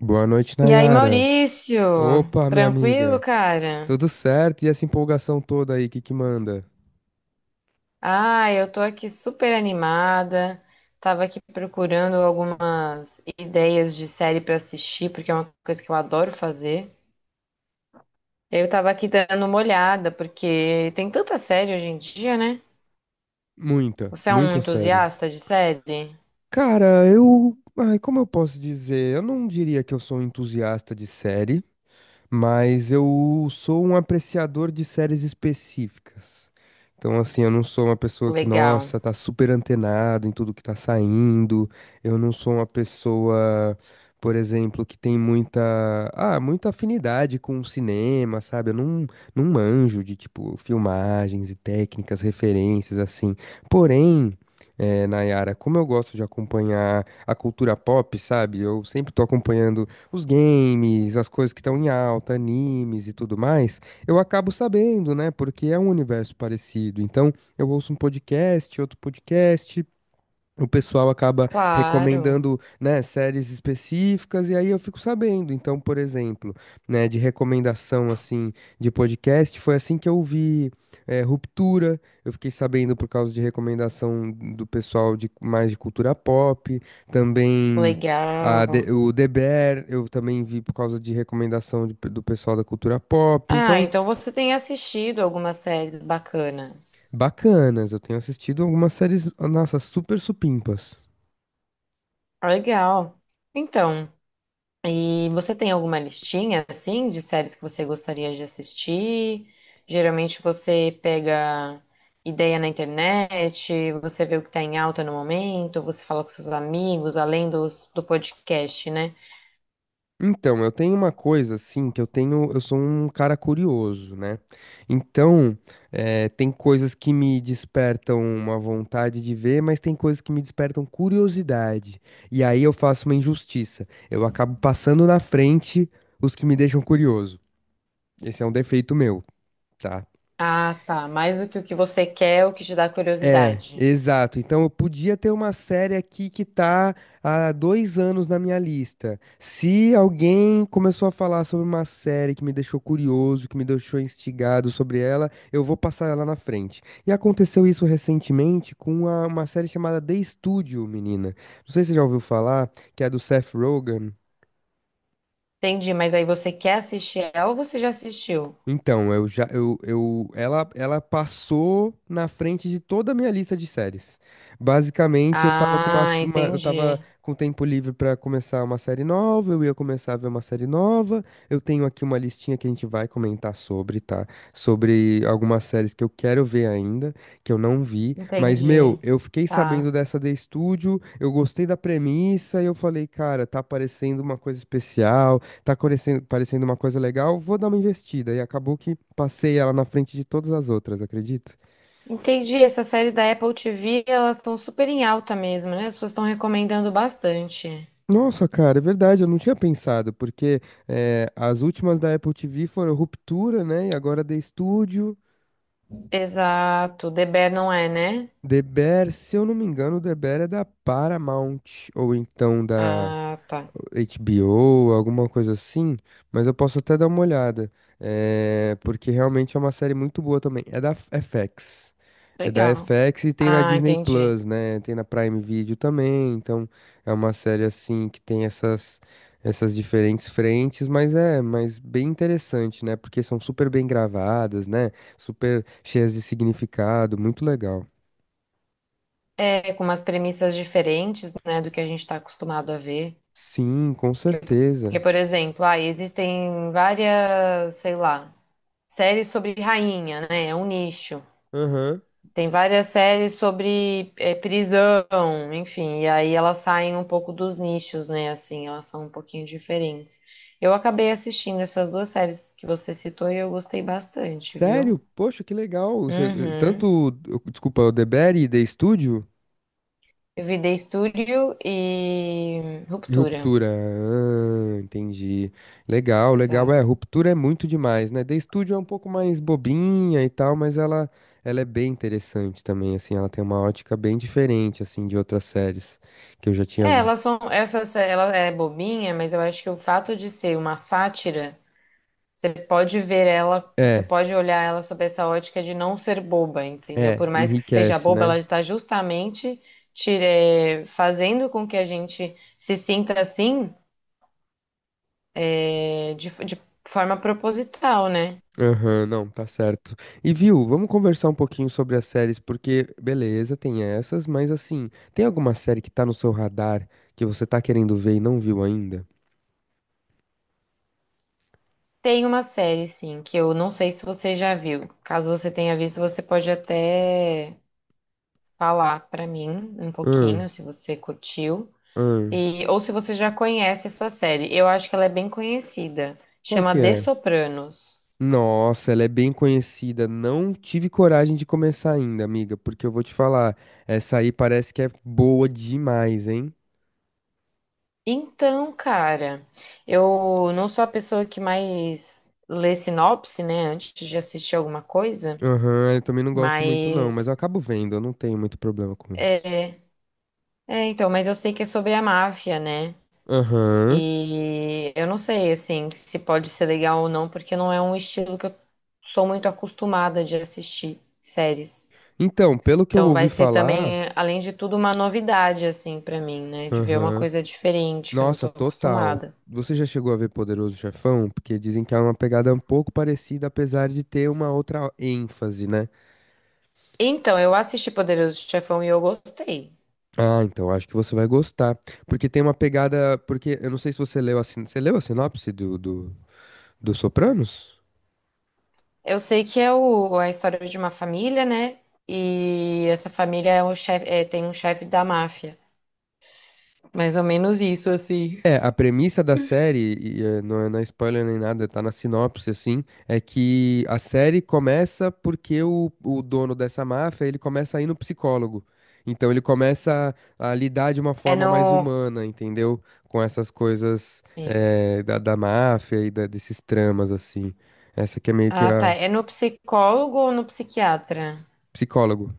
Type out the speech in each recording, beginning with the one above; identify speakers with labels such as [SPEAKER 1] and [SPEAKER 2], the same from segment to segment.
[SPEAKER 1] Boa noite,
[SPEAKER 2] E aí,
[SPEAKER 1] Nayara.
[SPEAKER 2] Maurício?
[SPEAKER 1] Opa, minha
[SPEAKER 2] Tranquilo,
[SPEAKER 1] amiga.
[SPEAKER 2] cara?
[SPEAKER 1] Tudo certo? E essa empolgação toda aí, que manda?
[SPEAKER 2] Ah, eu tô aqui super animada. Tava aqui procurando algumas ideias de série pra assistir, porque é uma coisa que eu adoro fazer. Eu tava aqui dando uma olhada, porque tem tanta série hoje em dia, né?
[SPEAKER 1] Muita,
[SPEAKER 2] Você é um
[SPEAKER 1] muita, sério.
[SPEAKER 2] entusiasta de série?
[SPEAKER 1] Cara, eu. Ai, como eu posso dizer? Eu não diria que eu sou um entusiasta de série, mas eu sou um apreciador de séries específicas. Então, assim, eu não sou uma pessoa que,
[SPEAKER 2] Legal.
[SPEAKER 1] nossa, tá super antenado em tudo que tá saindo. Eu não sou uma pessoa, por exemplo, que tem muita, muita afinidade com o cinema, sabe? Eu não, não manjo de, tipo, filmagens e técnicas, referências, assim. Porém, Nayara, como eu gosto de acompanhar a cultura pop, sabe? Eu sempre tô acompanhando os games, as coisas que estão em alta, animes e tudo mais, eu acabo sabendo, né? Porque é um universo parecido. Então, eu ouço um podcast, outro podcast, o pessoal acaba
[SPEAKER 2] Claro,
[SPEAKER 1] recomendando, né, séries específicas e aí eu fico sabendo. Então, por exemplo, né, de recomendação assim de podcast, foi assim que eu vi Ruptura, eu fiquei sabendo por causa de recomendação do pessoal de mais de cultura pop, também a
[SPEAKER 2] legal.
[SPEAKER 1] De- o The Bear, eu também vi por causa de recomendação do pessoal da cultura pop.
[SPEAKER 2] Ah,
[SPEAKER 1] Então,
[SPEAKER 2] então você tem assistido algumas séries bacanas.
[SPEAKER 1] bacanas, eu tenho assistido algumas séries, nossa, super supimpas.
[SPEAKER 2] Legal. Então. E você tem alguma listinha, assim, de séries que você gostaria de assistir? Geralmente você pega ideia na internet, você vê o que está em alta no momento, você fala com seus amigos, além do podcast, né?
[SPEAKER 1] Então, eu tenho uma coisa assim, que eu tenho, eu sou um cara curioso, né? Então, tem coisas que me despertam uma vontade de ver, mas tem coisas que me despertam curiosidade. E aí eu faço uma injustiça. Eu acabo passando na frente os que me deixam curioso. Esse é um defeito meu, tá?
[SPEAKER 2] Ah, tá. Mais do que o que você quer, o que te dá
[SPEAKER 1] É,
[SPEAKER 2] curiosidade.
[SPEAKER 1] exato. Então eu podia ter uma série aqui que tá há dois anos na minha lista. Se alguém começou a falar sobre uma série que me deixou curioso, que me deixou instigado sobre ela, eu vou passar ela na frente. E aconteceu isso recentemente com uma série chamada The Studio, menina. Não sei se você já ouviu falar, que é do Seth Rogen.
[SPEAKER 2] Entendi, mas aí você quer assistir ela ou você já assistiu?
[SPEAKER 1] Então, eu ela passou na frente de toda a minha lista de séries. Basicamente,
[SPEAKER 2] Ah,
[SPEAKER 1] eu tava
[SPEAKER 2] entendi.
[SPEAKER 1] com tempo livre pra começar uma série nova, eu ia começar a ver uma série nova. Eu tenho aqui uma listinha que a gente vai comentar sobre, tá? Sobre algumas séries que eu quero ver ainda, que eu não vi, mas meu,
[SPEAKER 2] Entendi.
[SPEAKER 1] eu fiquei sabendo
[SPEAKER 2] Tá.
[SPEAKER 1] dessa The Studio, eu gostei da premissa e eu falei, cara, tá parecendo uma coisa especial, tá parecendo uma coisa legal, vou dar uma investida. E acabou que passei ela na frente de todas as outras, acredita?
[SPEAKER 2] Entendi, essas séries da Apple TV, elas estão super em alta mesmo, né? As pessoas estão recomendando bastante.
[SPEAKER 1] Nossa, cara, é verdade, eu não tinha pensado, porque as últimas da Apple TV foram Ruptura, né? E agora The Studio,
[SPEAKER 2] Exato, The Bear não é, né?
[SPEAKER 1] The Bear, se eu não me engano, o The Bear é da Paramount, ou então da
[SPEAKER 2] Ah, tá.
[SPEAKER 1] HBO, alguma coisa assim, mas eu posso até dar uma olhada, é, porque realmente é uma série muito boa também. É da FX. É da
[SPEAKER 2] Legal.
[SPEAKER 1] FX e tem na
[SPEAKER 2] Ah,
[SPEAKER 1] Disney
[SPEAKER 2] entendi.
[SPEAKER 1] Plus, né? Tem na Prime Video também, então é uma série assim que tem essas diferentes frentes, mas é, mas bem interessante, né? Porque são super bem gravadas, né? Super cheias de significado, muito legal.
[SPEAKER 2] É, com umas premissas diferentes, né, do que a gente está acostumado a ver.
[SPEAKER 1] Sim, com
[SPEAKER 2] Porque,
[SPEAKER 1] certeza.
[SPEAKER 2] porque, por exemplo, ah, existem várias, sei lá, séries sobre rainha, né? É um nicho.
[SPEAKER 1] Aham.
[SPEAKER 2] Tem várias séries sobre é, prisão, enfim, e aí elas saem um pouco dos nichos, né? Assim, elas são um pouquinho diferentes. Eu acabei assistindo essas duas séries que você citou e eu gostei bastante,
[SPEAKER 1] Sério?
[SPEAKER 2] viu?
[SPEAKER 1] Poxa, que legal. Você-
[SPEAKER 2] Uhum.
[SPEAKER 1] Tanto, desculpa, o DeBerry, The Studio
[SPEAKER 2] Eu vi The Studio e
[SPEAKER 1] e
[SPEAKER 2] Ruptura.
[SPEAKER 1] Ruptura. Ah, entendi. Legal, legal. É,
[SPEAKER 2] Exato.
[SPEAKER 1] Ruptura é muito demais, né? The Studio é um pouco mais bobinha e tal, mas ela é bem interessante também, assim. Ela tem uma ótica bem diferente, assim, de outras séries que eu já tinha
[SPEAKER 2] É,
[SPEAKER 1] visto.
[SPEAKER 2] elas são, essas, ela é bobinha, mas eu acho que o fato de ser uma sátira. Você pode ver ela, você
[SPEAKER 1] É,
[SPEAKER 2] pode olhar ela sob essa ótica de não ser boba, entendeu?
[SPEAKER 1] é,
[SPEAKER 2] Por mais que seja
[SPEAKER 1] enriquece,
[SPEAKER 2] boba, ela
[SPEAKER 1] né?
[SPEAKER 2] está justamente tire- fazendo com que a gente se sinta assim, de forma proposital, né?
[SPEAKER 1] Aham, não, tá certo. E viu, vamos conversar um pouquinho sobre as séries, porque beleza, tem essas, mas assim, tem alguma série que tá no seu radar que você tá querendo ver e não viu ainda?
[SPEAKER 2] Tem uma série, sim, que eu não sei se você já viu. Caso você tenha visto, você pode até falar pra mim um pouquinho,
[SPEAKER 1] Hum,
[SPEAKER 2] se você curtiu.
[SPEAKER 1] hum,
[SPEAKER 2] E, ou se você já conhece essa série. Eu acho que ela é bem conhecida.
[SPEAKER 1] qual que
[SPEAKER 2] Chama The
[SPEAKER 1] é?
[SPEAKER 2] Sopranos.
[SPEAKER 1] Nossa, ela é bem conhecida. Não tive coragem de começar ainda, amiga, porque eu vou te falar, essa aí parece que é boa demais, hein?
[SPEAKER 2] Então, cara, eu não sou a pessoa que mais lê sinopse, né, antes de assistir alguma coisa,
[SPEAKER 1] Aham, eu também não gosto muito não, mas
[SPEAKER 2] mas
[SPEAKER 1] eu acabo vendo, eu não tenho muito problema com isso.
[SPEAKER 2] é, então, mas eu sei que é sobre a máfia, né?
[SPEAKER 1] Aham.
[SPEAKER 2] E eu não sei assim se pode ser legal ou não, porque não é um estilo que eu sou muito acostumada de assistir séries.
[SPEAKER 1] Então, pelo que eu
[SPEAKER 2] Então
[SPEAKER 1] ouvi
[SPEAKER 2] vai ser
[SPEAKER 1] falar.
[SPEAKER 2] também, além de tudo, uma novidade assim pra mim, né, de ver uma
[SPEAKER 1] Aham.
[SPEAKER 2] coisa diferente que eu não tô
[SPEAKER 1] Nossa, total.
[SPEAKER 2] acostumada.
[SPEAKER 1] Você já chegou a ver Poderoso Chefão? Porque dizem que é uma pegada um pouco parecida, apesar de ter uma outra ênfase, né?
[SPEAKER 2] Então, eu assisti Poderoso Chefão e eu gostei.
[SPEAKER 1] Ah, então acho que você vai gostar. Porque tem uma pegada. Porque eu não sei se você leu a, sin... você leu a sinopse do Sopranos?
[SPEAKER 2] Eu sei que é a história de uma família, né? E essa família é o chefe, é, tem um chefe da máfia. Mais ou menos isso, assim.
[SPEAKER 1] É, a premissa da série, e, não é na spoiler nem nada, tá na sinopse, assim, é que a série começa porque o dono dessa máfia, ele começa a ir no psicólogo. Então ele começa a lidar de uma
[SPEAKER 2] É
[SPEAKER 1] forma mais
[SPEAKER 2] no.
[SPEAKER 1] humana, entendeu? Com essas coisas
[SPEAKER 2] Sim.
[SPEAKER 1] da máfia e desses tramas, assim. Essa que é meio que
[SPEAKER 2] Ah, tá.
[SPEAKER 1] a
[SPEAKER 2] É no psicólogo ou no psiquiatra?
[SPEAKER 1] psicólogo.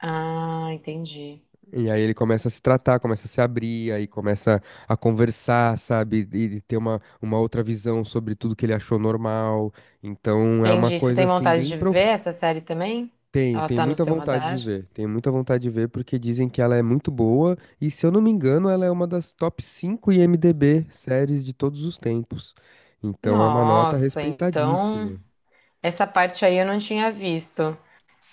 [SPEAKER 2] Ah, entendi.
[SPEAKER 1] E aí ele começa a se tratar, começa a se abrir, aí começa a conversar, sabe? E ter uma outra visão sobre tudo que ele achou normal. Então é uma
[SPEAKER 2] Entendi. Você
[SPEAKER 1] coisa
[SPEAKER 2] tem
[SPEAKER 1] assim
[SPEAKER 2] vontade
[SPEAKER 1] bem
[SPEAKER 2] de ver
[SPEAKER 1] profunda.
[SPEAKER 2] essa série também?
[SPEAKER 1] Tenho,
[SPEAKER 2] Ela
[SPEAKER 1] tenho
[SPEAKER 2] tá no
[SPEAKER 1] muita
[SPEAKER 2] seu
[SPEAKER 1] vontade de
[SPEAKER 2] radar?
[SPEAKER 1] ver. Tenho muita vontade de ver porque dizem que ela é muito boa e se eu não me engano, ela é uma das top 5 IMDb séries de todos os tempos. Então é uma nota
[SPEAKER 2] Nossa, então.
[SPEAKER 1] respeitadíssima.
[SPEAKER 2] Essa parte aí eu não tinha visto.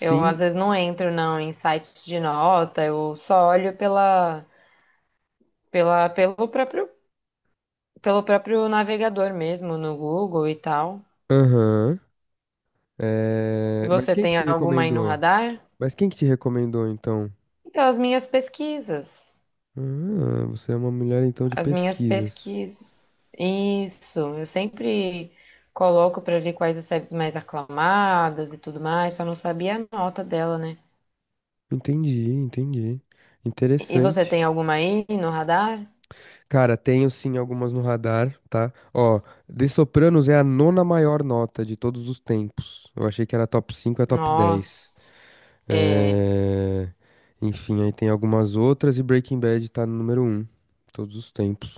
[SPEAKER 2] Eu às vezes não entro não em sites de nota, eu só olho pela, pelo próprio pelo próprio navegador mesmo, no Google e tal.
[SPEAKER 1] aham.
[SPEAKER 2] E
[SPEAKER 1] É, mas
[SPEAKER 2] você
[SPEAKER 1] quem que
[SPEAKER 2] tem
[SPEAKER 1] te
[SPEAKER 2] alguma aí no
[SPEAKER 1] recomendou?
[SPEAKER 2] radar?
[SPEAKER 1] Mas quem que te recomendou então?
[SPEAKER 2] Então, as minhas pesquisas.
[SPEAKER 1] Ah, você é uma mulher então de
[SPEAKER 2] As minhas
[SPEAKER 1] pesquisas.
[SPEAKER 2] pesquisas. Isso, eu sempre coloco pra ver quais as séries mais aclamadas e tudo mais, só não sabia a nota dela, né?
[SPEAKER 1] Entendi, entendi.
[SPEAKER 2] E você
[SPEAKER 1] Interessante.
[SPEAKER 2] tem alguma aí no radar?
[SPEAKER 1] Cara, tenho sim algumas no radar, tá? Ó, The Sopranos é a nona maior nota de todos os tempos. Eu achei que era top 5, é top
[SPEAKER 2] Nossa,
[SPEAKER 1] 10.
[SPEAKER 2] é.
[SPEAKER 1] É... Enfim, aí tem algumas outras e Breaking Bad tá no número um todos os tempos.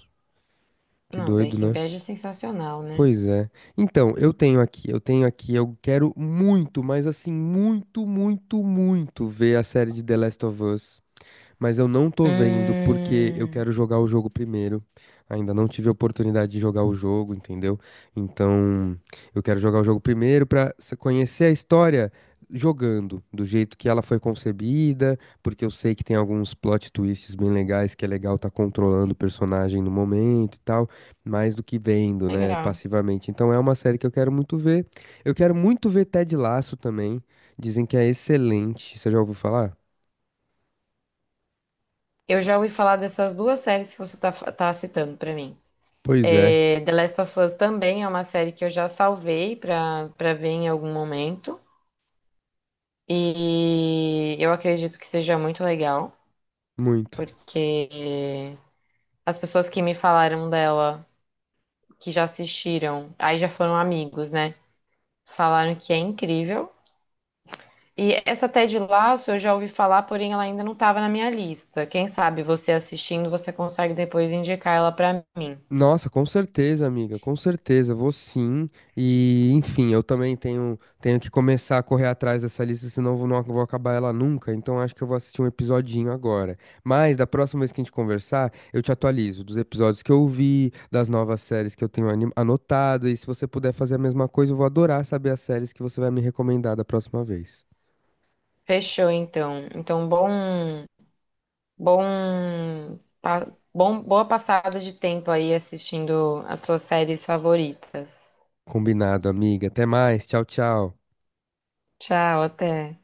[SPEAKER 1] Que
[SPEAKER 2] Não,
[SPEAKER 1] doido,
[SPEAKER 2] Breaking
[SPEAKER 1] né?
[SPEAKER 2] Bad é sensacional, né?
[SPEAKER 1] Pois é. Então, eu tenho aqui, eu quero muito, mas assim, muito, muito, muito ver a série de The Last of Us, mas eu não tô vendo porque eu
[SPEAKER 2] Hum,
[SPEAKER 1] quero jogar o jogo primeiro. Ainda não tive a oportunidade de jogar o jogo, entendeu? Então, eu quero jogar o jogo primeiro para conhecer a história jogando, do jeito que ela foi concebida, porque eu sei que tem alguns plot twists bem legais, que é legal estar controlando o personagem no momento e tal, mais do que vendo, né,
[SPEAKER 2] legal.
[SPEAKER 1] passivamente. Então, é uma série que eu quero muito ver. Eu quero muito ver Ted Lasso também. Dizem que é excelente. Você já ouviu falar?
[SPEAKER 2] Eu já ouvi falar dessas duas séries que você tá, tá citando pra mim.
[SPEAKER 1] Pois é,
[SPEAKER 2] É, The Last of Us também é uma série que eu já salvei pra ver em algum momento. E eu acredito que seja muito legal,
[SPEAKER 1] muito.
[SPEAKER 2] porque as pessoas que me falaram dela, que já assistiram, aí já foram amigos, né? Falaram que é incrível. E essa Ted Lasso eu já ouvi falar, porém ela ainda não estava na minha lista. Quem sabe você assistindo, você consegue depois indicar ela pra mim.
[SPEAKER 1] Nossa, com certeza, amiga, com certeza, vou sim. E, enfim, eu também tenho, tenho que começar a correr atrás dessa lista, senão não vou acabar ela nunca. Então acho que eu vou assistir um episodinho agora. Mas da próxima vez que a gente conversar, eu te atualizo dos episódios que eu vi, das novas séries que eu tenho anotado. E se você puder fazer a mesma coisa, eu vou adorar saber as séries que você vai me recomendar da próxima vez.
[SPEAKER 2] Fechou, então. Bom, pa- boa passada de tempo aí assistindo as suas séries favoritas.
[SPEAKER 1] Combinado, amiga. Até mais. Tchau, tchau.
[SPEAKER 2] Tchau, até.